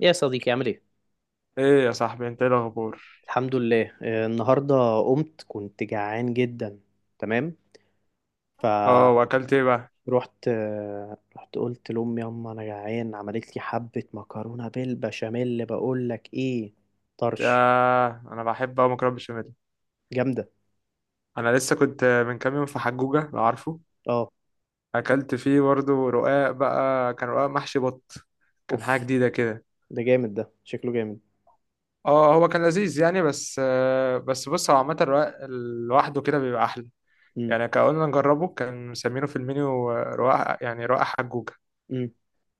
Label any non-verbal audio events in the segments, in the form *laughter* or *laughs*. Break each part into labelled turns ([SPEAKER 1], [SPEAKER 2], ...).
[SPEAKER 1] يا صديقي عامل ايه؟
[SPEAKER 2] ايه يا صاحبي، انت ايه الاخبار؟
[SPEAKER 1] الحمد لله، النهارده قمت كنت جعان جدا. تمام.
[SPEAKER 2] اه،
[SPEAKER 1] فروحت.
[SPEAKER 2] واكلت ايه بقى؟
[SPEAKER 1] رحت قلت لأمي يما انا جعان، عملت لي حبة مكرونة بالبشاميل، بقول لك ايه؟
[SPEAKER 2] يا
[SPEAKER 1] طرش
[SPEAKER 2] انا بحب اوي مكرونه بشاميل.
[SPEAKER 1] جامدة.
[SPEAKER 2] انا لسه كنت من كام يوم في حجوجه، لو عارفه.
[SPEAKER 1] اه،
[SPEAKER 2] اكلت فيه برضه رقاق، بقى كان رقاق محشي بط. كان حاجه
[SPEAKER 1] اوف،
[SPEAKER 2] جديده كده.
[SPEAKER 1] ده جامد، ده شكله جامد.
[SPEAKER 2] اه، هو كان لذيذ يعني، بس بس بص، هو عامه الرقاق لوحده كده بيبقى احلى.
[SPEAKER 1] امم
[SPEAKER 2] يعني كان قلنا نجربه، كان مسمينه في المنيو رقاق، يعني رقاق حجوجه.
[SPEAKER 1] امم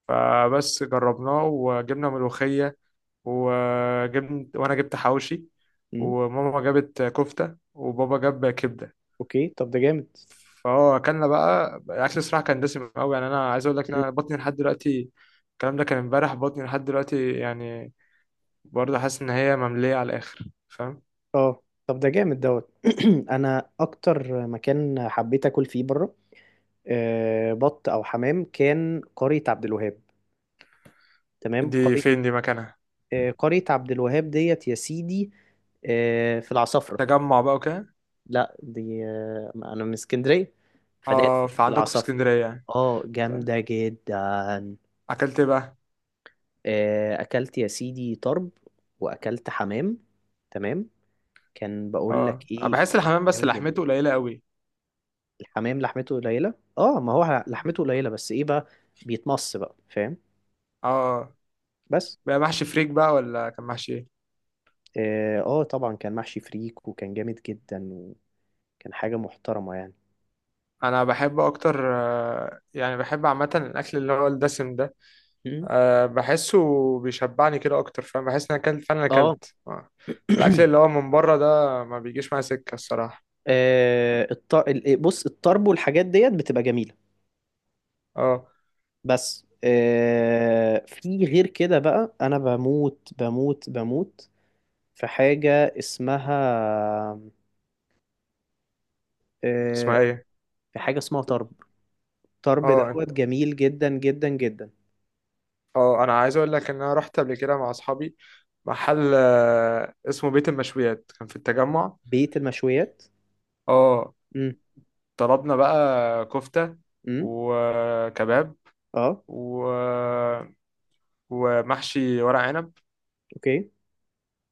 [SPEAKER 2] فبس جربناه، وجبنا ملوخيه، وانا جبت حواوشي،
[SPEAKER 1] امم
[SPEAKER 2] وماما جابت كفتة، وبابا جاب كبدة.
[SPEAKER 1] اوكي طب ده جامد.
[SPEAKER 2] فهو اكلنا بقى الاكل، الصراحة كان دسم قوي. يعني انا عايز اقول لك ان
[SPEAKER 1] مم.
[SPEAKER 2] انا بطني لحد دلوقتي. الكلام ده كان امبارح، بطني لحد دلوقتي يعني برضه حاسس ان هي مملية على الاخر، فاهم؟
[SPEAKER 1] اه طب ده جامد دوت. *clears throat* انا اكتر مكان حبيت اكل فيه بره، بط او حمام، كان قرية عبد الوهاب. تمام.
[SPEAKER 2] دي فين دي مكانها؟
[SPEAKER 1] قرية عبد الوهاب ديت يا سيدي، في العصافرة.
[SPEAKER 2] تجمع بقى وكده؟
[SPEAKER 1] لا، دي انا من اسكندرية، فديت
[SPEAKER 2] اه،
[SPEAKER 1] في
[SPEAKER 2] فعندكم في
[SPEAKER 1] العصافرة.
[SPEAKER 2] اسكندرية يعني.
[SPEAKER 1] اه
[SPEAKER 2] طيب،
[SPEAKER 1] جامدة جدا.
[SPEAKER 2] اكلت ايه بقى؟
[SPEAKER 1] اكلت يا سيدي طرب، واكلت حمام. تمام. كان بقول لك
[SPEAKER 2] اه، أنا
[SPEAKER 1] ايه؟
[SPEAKER 2] بحس الحمام بس
[SPEAKER 1] جامد جدا.
[SPEAKER 2] لحمته قليلة قوي.
[SPEAKER 1] الحمام لحمته قليلة، اه ما هو لحمته قليلة بس ايه بقى، بيتمص بقى، فاهم؟
[SPEAKER 2] اه،
[SPEAKER 1] بس
[SPEAKER 2] بقى محشي فريك بقى، ولا كان محشي ايه؟
[SPEAKER 1] اه، طبعا كان محشي فريك وكان جامد جدا، وكان حاجة محترمة يعني.
[SPEAKER 2] انا بحب اكتر يعني بحب عامه الاكل اللي هو الدسم ده.
[SPEAKER 1] م-
[SPEAKER 2] آه، بحسه بيشبعني كده اكتر، فاهم؟ بحس ان انا اكلت فعلا،
[SPEAKER 1] اه.
[SPEAKER 2] اكلت آه. الاكل
[SPEAKER 1] *clears throat*
[SPEAKER 2] اللي هو من بره ده ما بيجيش معايا سكه الصراحه.
[SPEAKER 1] آه، الط... ال- آه، بص، الطرب والحاجات ديت بتبقى جميلة،
[SPEAKER 2] اه،
[SPEAKER 1] بس في غير كده بقى، أنا بموت بموت بموت. في حاجة اسمها،
[SPEAKER 2] اسمها
[SPEAKER 1] آه،
[SPEAKER 2] ايه؟
[SPEAKER 1] في حاجة اسمها طرب. طرب
[SPEAKER 2] اه
[SPEAKER 1] دوت جميل جدا جدا جدا.
[SPEAKER 2] اه، انا عايز اقول لك ان انا رحت قبل كده مع اصحابي محل اسمه بيت المشويات، كان في التجمع.
[SPEAKER 1] بيت المشويات.
[SPEAKER 2] اه،
[SPEAKER 1] امم
[SPEAKER 2] طلبنا بقى كفته
[SPEAKER 1] امم
[SPEAKER 2] وكباب
[SPEAKER 1] اه،
[SPEAKER 2] و... ومحشي ورق عنب.
[SPEAKER 1] اوكي.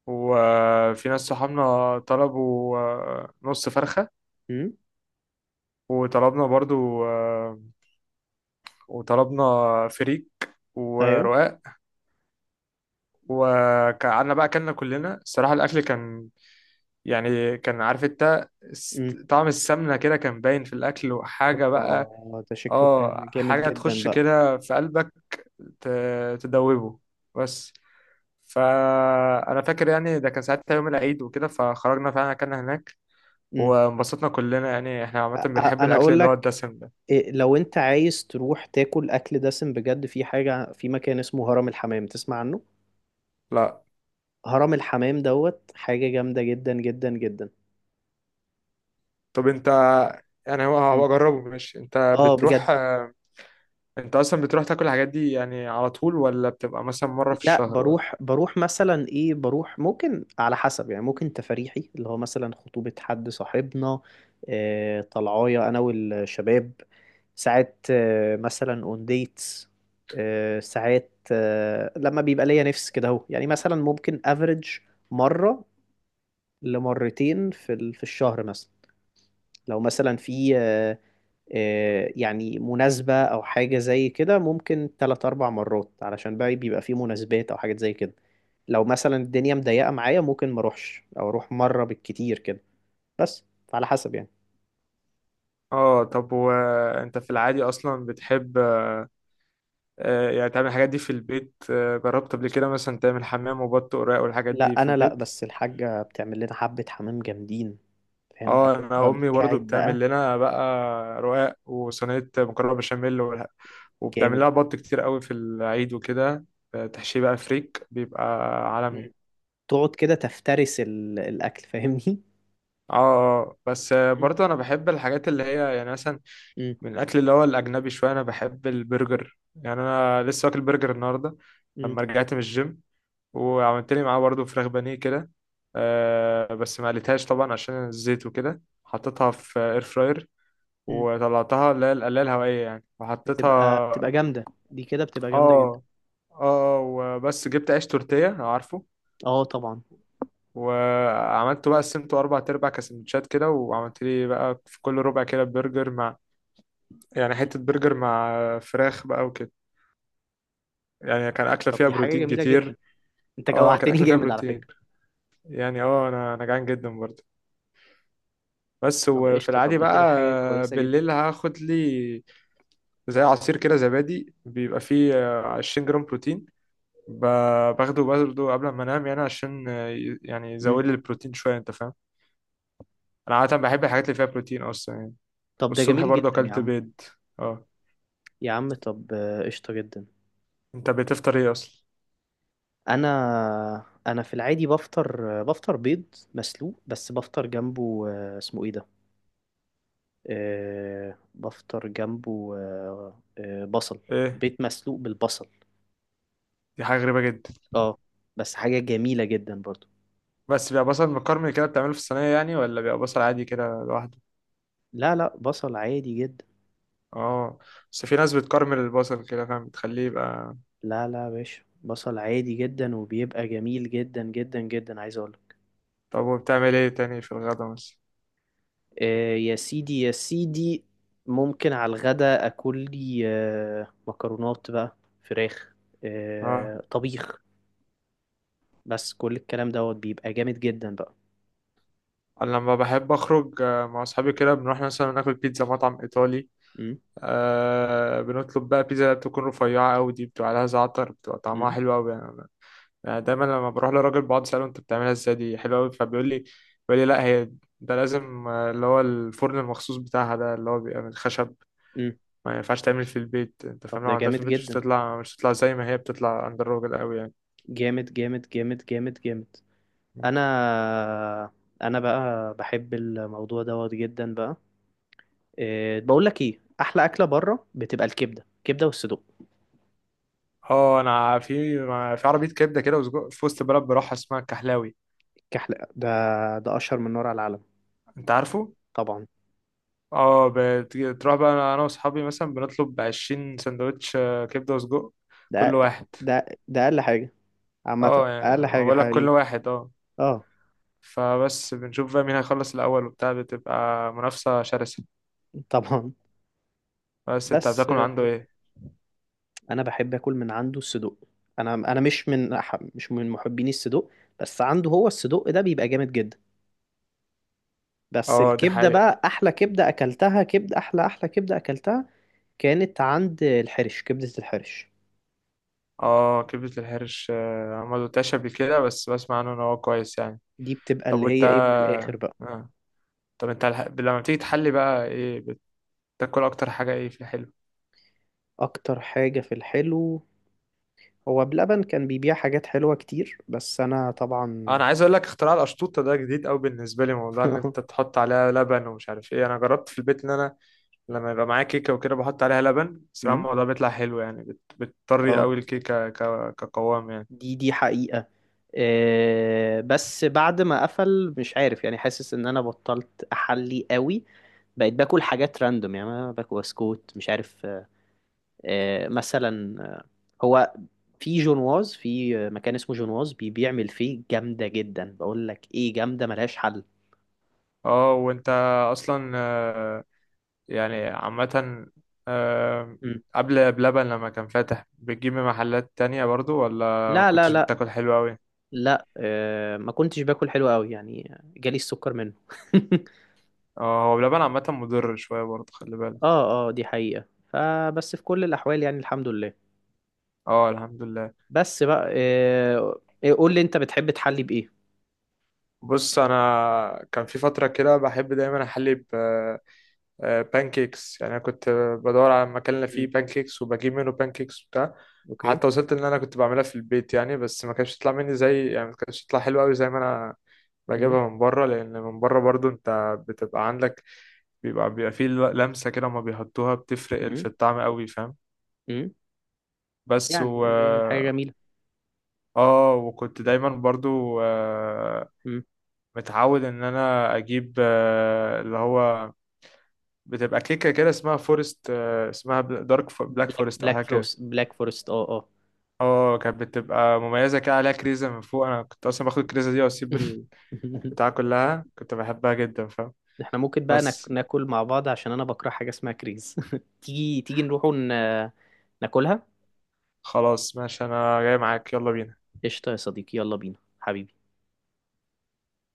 [SPEAKER 2] وفي ناس صحابنا طلبوا نص فرخة،
[SPEAKER 1] امم.
[SPEAKER 2] وطلبنا برضو وطلبنا فريك
[SPEAKER 1] ايوه.
[SPEAKER 2] ورقاق. وقعدنا بقى أكلنا كلنا، الصراحة الأكل كان يعني كان، عارف انت،
[SPEAKER 1] امم.
[SPEAKER 2] طعم السمنة كده كان باين في الأكل وحاجة بقى.
[SPEAKER 1] اوبا، ده شكله
[SPEAKER 2] اه،
[SPEAKER 1] كان جامد
[SPEAKER 2] حاجة
[SPEAKER 1] جدا
[SPEAKER 2] تخش
[SPEAKER 1] بقى.
[SPEAKER 2] كده في قلبك، تدوبه بس. فأنا فاكر يعني، ده كان ساعتها يوم العيد وكده، فخرجنا فعلا أكلنا هناك
[SPEAKER 1] امم.
[SPEAKER 2] وانبسطنا كلنا. يعني احنا عامة بنحب
[SPEAKER 1] انا
[SPEAKER 2] الأكل
[SPEAKER 1] اقول
[SPEAKER 2] اللي هو
[SPEAKER 1] لك،
[SPEAKER 2] الدسم ده.
[SPEAKER 1] لو انت عايز تروح تاكل اكل دسم بجد في حاجة، في مكان اسمه هرم الحمام، تسمع عنه؟
[SPEAKER 2] لا،
[SPEAKER 1] هرم الحمام دوت حاجة جامدة جدا جدا جدا.
[SPEAKER 2] طب انت، يعني هو
[SPEAKER 1] مم.
[SPEAKER 2] هو أجربه ماشي، انت
[SPEAKER 1] اه بجد.
[SPEAKER 2] بتروح آه، انت أصلا بتروح تاكل الحاجات دي يعني على طول، ولا بتبقى مثلا مرة في
[SPEAKER 1] لا،
[SPEAKER 2] الشهر ولا؟
[SPEAKER 1] بروح مثلا ايه، بروح ممكن على حسب يعني، ممكن تفريحي اللي هو مثلا خطوبة حد صاحبنا، آه طلعايا انا والشباب، ساعات آه مثلا اون ديتس، آه ساعات آه لما بيبقى ليا نفس كده اهو يعني، مثلا ممكن افريج مرة لمرتين في الشهر مثلا. لو مثلا في يعني مناسبة أو حاجة زي كده ممكن تلات أربع مرات، علشان بقى بيبقى في مناسبات أو حاجات زي كده. لو مثلا الدنيا مضيقة معايا ممكن ما أروحش أو أروح مرة بالكتير كده. بس، فعلى حسب يعني.
[SPEAKER 2] اه، طب وانت في العادي أصلا بتحب يعني تعمل الحاجات دي في البيت؟ جربت قبل كده مثلا تعمل حمام وبط وراق والحاجات دي
[SPEAKER 1] لا
[SPEAKER 2] في
[SPEAKER 1] أنا لا،
[SPEAKER 2] البيت؟
[SPEAKER 1] بس الحاجة بتعمل لنا حبة حمام جامدين، فاهم بقى؟
[SPEAKER 2] اه، انا
[SPEAKER 1] تفضل
[SPEAKER 2] امي برضو
[SPEAKER 1] قاعد بقى.
[SPEAKER 2] بتعمل لنا بقى رقاق وصينيه مكرونه بشاميل وبتعمل
[SPEAKER 1] جامد.
[SPEAKER 2] لها بط كتير قوي في العيد وكده، تحشيه بقى فريك، بيبقى عالمي.
[SPEAKER 1] مم. تقعد كده تفترس الأكل، فاهمني؟
[SPEAKER 2] اه اه اه. بس
[SPEAKER 1] مم.
[SPEAKER 2] برضو انا بحب الحاجات اللي هي يعني مثلا
[SPEAKER 1] مم.
[SPEAKER 2] من الاكل اللي هو الاجنبي شويه. انا بحب البرجر، يعني انا لسه واكل برجر النهارده
[SPEAKER 1] مم.
[SPEAKER 2] لما رجعت من الجيم. وعملت لي معاه برضو فراخ بانيه كده، آه، بس ما قليتهاش طبعا عشان الزيت وكده، حطيتها في اير فراير
[SPEAKER 1] مم.
[SPEAKER 2] وطلعتها، اللي هي القلاية الهوائية يعني، وحطيتها اه.
[SPEAKER 1] بتبقى جامدة، دي كده بتبقى جامدة جدا.
[SPEAKER 2] اه وبس جبت عيش تورتيه، لو عارفه.
[SPEAKER 1] اه طبعا.
[SPEAKER 2] وعملته بقى، قسمته اربع تربع، كسندوتشات كده، وعملت لي بقى في كل ربع كده برجر مع، يعني حته برجر مع فراخ بقى وكده. يعني كان اكله
[SPEAKER 1] طب
[SPEAKER 2] فيها
[SPEAKER 1] دي حاجة
[SPEAKER 2] بروتين
[SPEAKER 1] جميلة جدا،
[SPEAKER 2] كتير.
[SPEAKER 1] انت
[SPEAKER 2] اه، كان
[SPEAKER 1] جوعتني *laughs*
[SPEAKER 2] اكله فيها
[SPEAKER 1] جامد على
[SPEAKER 2] بروتين
[SPEAKER 1] فكرة.
[SPEAKER 2] يعني. اه انا جعان جدا برضه. بس،
[SPEAKER 1] طب
[SPEAKER 2] وفي
[SPEAKER 1] قشطة، طب
[SPEAKER 2] العادي
[SPEAKER 1] ده
[SPEAKER 2] بقى
[SPEAKER 1] كده حاجة كويسة جدا.
[SPEAKER 2] بالليل هاخد لي زي عصير كده، زبادي بيبقى فيه 20 جرام بروتين، باخده برضه قبل ما انام، يعني عشان يعني
[SPEAKER 1] مم.
[SPEAKER 2] يزود لي البروتين شويه، انت فاهم؟ انا عاده بحب الحاجات اللي فيها بروتين اصلا يعني.
[SPEAKER 1] طب ده
[SPEAKER 2] والصبح
[SPEAKER 1] جميل
[SPEAKER 2] برضه
[SPEAKER 1] جدا يا
[SPEAKER 2] اكلت
[SPEAKER 1] عم.
[SPEAKER 2] بيض. اه،
[SPEAKER 1] يا عم طب، قشطة جدا.
[SPEAKER 2] انت بتفطر ايه اصلا؟
[SPEAKER 1] انا انا في العادي بفطر، بفطر بيض مسلوق، بس بفطر جنبه، اسمه ايه ده، بفطر جنبه، بصل.
[SPEAKER 2] ايه،
[SPEAKER 1] بيض مسلوق بالبصل،
[SPEAKER 2] دي حاجه غريبه جدا.
[SPEAKER 1] اه. بس حاجة جميلة جدا برضو.
[SPEAKER 2] بس بيبقى بصل مكرمل كده بتعمله في الصينيه يعني، ولا بيبقى بصل عادي كده لوحده؟
[SPEAKER 1] لا لا، بصل عادي جدا.
[SPEAKER 2] اه، بس في ناس بتكرمل البصل كده، فاهم؟ بتخليه يبقى.
[SPEAKER 1] لا لا يا باشا، بصل عادي جدا وبيبقى جميل جدا جدا جدا، عايز اقول.
[SPEAKER 2] طب وبتعمل ايه تاني في الغدا مثلا؟
[SPEAKER 1] آه يا سيدي يا سيدي، ممكن على الغدا اكل لي آه مكرونات بقى، فراخ،
[SPEAKER 2] اه،
[SPEAKER 1] آه طبيخ، بس كل الكلام دوت بيبقى جامد جدا بقى.
[SPEAKER 2] انا لما بحب اخرج مع اصحابي كده بنروح مثلا ناكل بيتزا، مطعم ايطالي.
[SPEAKER 1] م؟
[SPEAKER 2] آه، بنطلب بقى بيتزا بتكون رفيعة أوي، دي بتبقى عليها زعتر، بتبقى طعمها
[SPEAKER 1] م؟
[SPEAKER 2] حلو أوي يعني، أنا يعني دايما لما بروح لراجل بقعد أسأله أنت بتعملها إزاي، دي حلوة أوي، فبيقول لي لا، هي ده لازم اللي هو الفرن المخصوص بتاعها ده، اللي هو بيبقى من خشب،
[SPEAKER 1] م؟
[SPEAKER 2] ما ينفعش تعمل في البيت. أنت فاهم؟
[SPEAKER 1] طب
[SPEAKER 2] لو
[SPEAKER 1] ده
[SPEAKER 2] عملتها في
[SPEAKER 1] جامد
[SPEAKER 2] البيت مش
[SPEAKER 1] جدا،
[SPEAKER 2] هتطلع، مش هتطلع زي ما هي بتطلع عند الراجل أوي يعني.
[SPEAKER 1] جامد جامد جامد جامد جامد. انا، انا بقى بحب الموضوع دوت جدا بقى. آه بقول لك ايه، احلى اكله بره بتبقى الكبده، كبده والصدوق.
[SPEAKER 2] اه، أنا في في عربية كبدة كده وسجق في وسط البلد بروحها، اسمها الكحلاوي.
[SPEAKER 1] كحلقة ده، ده أشهر من نار على العالم.
[SPEAKER 2] أنت عارفه؟
[SPEAKER 1] طبعا.
[SPEAKER 2] اه، تروح بقى انا واصحابي مثلا بنطلب عشرين سندوتش كبدة وسجق كل
[SPEAKER 1] ده
[SPEAKER 2] واحد.
[SPEAKER 1] ده أقل حاجة، عامة
[SPEAKER 2] اه،
[SPEAKER 1] أقل
[SPEAKER 2] يعني
[SPEAKER 1] حاجة
[SPEAKER 2] بقول لك كل
[SPEAKER 1] حقيقي.
[SPEAKER 2] واحد، اه.
[SPEAKER 1] اه.
[SPEAKER 2] فبس بنشوف بقى مين هيخلص الاول وبتاع، بتبقى منافسة شرسة.
[SPEAKER 1] طبعا.
[SPEAKER 2] بس انت
[SPEAKER 1] بس
[SPEAKER 2] بتاكل من عنده ايه؟
[SPEAKER 1] أنا بحب أكل من عنده الصدوق، أنا مش من مش من محبيني الصدوق، بس عنده هو الصدوق ده بيبقى جامد جدا. بس
[SPEAKER 2] اه، دي
[SPEAKER 1] الكبدة
[SPEAKER 2] حقيقة.
[SPEAKER 1] بقى، أحلى كبدة أكلتها، كبدة، أحلى أحلى كبدة أكلتها كانت عند الحرش، كبدة الحرش.
[SPEAKER 2] اه، كبدة الحرش انا ما دوتهاش قبل كده، بس بسمع عنه ان هو كويس يعني.
[SPEAKER 1] دي بتبقى
[SPEAKER 2] طب
[SPEAKER 1] اللي
[SPEAKER 2] وانت
[SPEAKER 1] هي إيه من الآخر بقى.
[SPEAKER 2] آه. طب انت لما بتيجي تحلي بقى ايه؟ بتاكل اكتر حاجة ايه في الحلو؟
[SPEAKER 1] أكتر حاجة في الحلو، هو بلبن كان بيبيع حاجات حلوة كتير بس أنا
[SPEAKER 2] آه،
[SPEAKER 1] طبعا
[SPEAKER 2] انا عايز اقول لك اختراع القشطوطه ده جديد قوي بالنسبه لي، موضوع ان
[SPEAKER 1] *laughs*
[SPEAKER 2] انت تحط عليها لبن ومش عارف ايه. انا جربت في البيت ان انا لما يبقى معايا كيكه وكده بحط عليها لبن، الصراحه
[SPEAKER 1] أمم،
[SPEAKER 2] الموضوع بيطلع حلو يعني، بتطري
[SPEAKER 1] اه،
[SPEAKER 2] قوي الكيكه كقوام يعني.
[SPEAKER 1] دي حقيقة. بس بعد ما قفل مش عارف يعني، حاسس ان انا بطلت احلي قوي. بقيت باكل حاجات راندوم يعني، انا باكل بسكوت مش عارف، مثلا، هو في جونواز، في مكان اسمه جونواز بيبيع ملفيه جامدة جدا، بقول لك ايه جامدة ملهاش حل.
[SPEAKER 2] اه، وانت اصلا يعني عامه، آه،
[SPEAKER 1] مم.
[SPEAKER 2] قبل بلبن لما كان فاتح بتجيب من محلات تانية برضو، ولا
[SPEAKER 1] لا لا
[SPEAKER 2] كنتش
[SPEAKER 1] لا،
[SPEAKER 2] بتاكل حلو قوي؟
[SPEAKER 1] لا ما كنتش باكل حلو قوي يعني جالي السكر منه *laughs*
[SPEAKER 2] اه، هو بلبن عامه مضر شويه برضو، خلي بالك.
[SPEAKER 1] اه اه، دي حقيقة، فبس في كل الأحوال يعني الحمد لله.
[SPEAKER 2] اه، الحمد لله.
[SPEAKER 1] بس بقى، قول لي أنت بتحب تحلي بإيه؟
[SPEAKER 2] بص، انا كان في فتره كده بحب دايما احلي ب بانكيكس، يعني انا كنت بدور على مكان اللي فيه
[SPEAKER 1] مم.
[SPEAKER 2] بانكيكس، وبجيب منه بانكيكس وبتاع.
[SPEAKER 1] أوكي.
[SPEAKER 2] حتى وصلت ان انا كنت بعملها في البيت يعني، بس ما كانش يطلع مني زي يعني، ما كانش يطلع حلو قوي زي ما انا
[SPEAKER 1] مم.
[SPEAKER 2] بجيبها من بره. لان من بره برضو انت بتبقى عندك، بيبقى فيه لمسه كده ما بيحطوها، بتفرق
[SPEAKER 1] مم.
[SPEAKER 2] في الطعم قوي، فاهم؟
[SPEAKER 1] مم.
[SPEAKER 2] بس
[SPEAKER 1] يعني،
[SPEAKER 2] و
[SPEAKER 1] حاجة جميلة.
[SPEAKER 2] اه، وكنت دايما برضو
[SPEAKER 1] مم.
[SPEAKER 2] متعود ان انا اجيب اللي هو بتبقى كيكه كده اسمها فورست، اسمها دارك بلاك فورست او
[SPEAKER 1] بلاك
[SPEAKER 2] حاجه كده.
[SPEAKER 1] فروست، بلاك فورست اه اه.
[SPEAKER 2] اه، كانت بتبقى مميزه كده، عليها كريزه من فوق، انا كنت اصلا باخد الكريزه دي واسيب
[SPEAKER 1] *laughs*
[SPEAKER 2] البتاع كلها، كنت بحبها جدا، فاهم؟
[SPEAKER 1] احنا ممكن بقى
[SPEAKER 2] بس،
[SPEAKER 1] ناكل مع بعض عشان أنا بكره حاجة اسمها كريز *laughs* تيجي تيجي نروح ون... ناكلها.
[SPEAKER 2] خلاص ماشي انا جاي معاك، يلا بينا.
[SPEAKER 1] قشطة يا صديقي، يلا بينا حبيبي.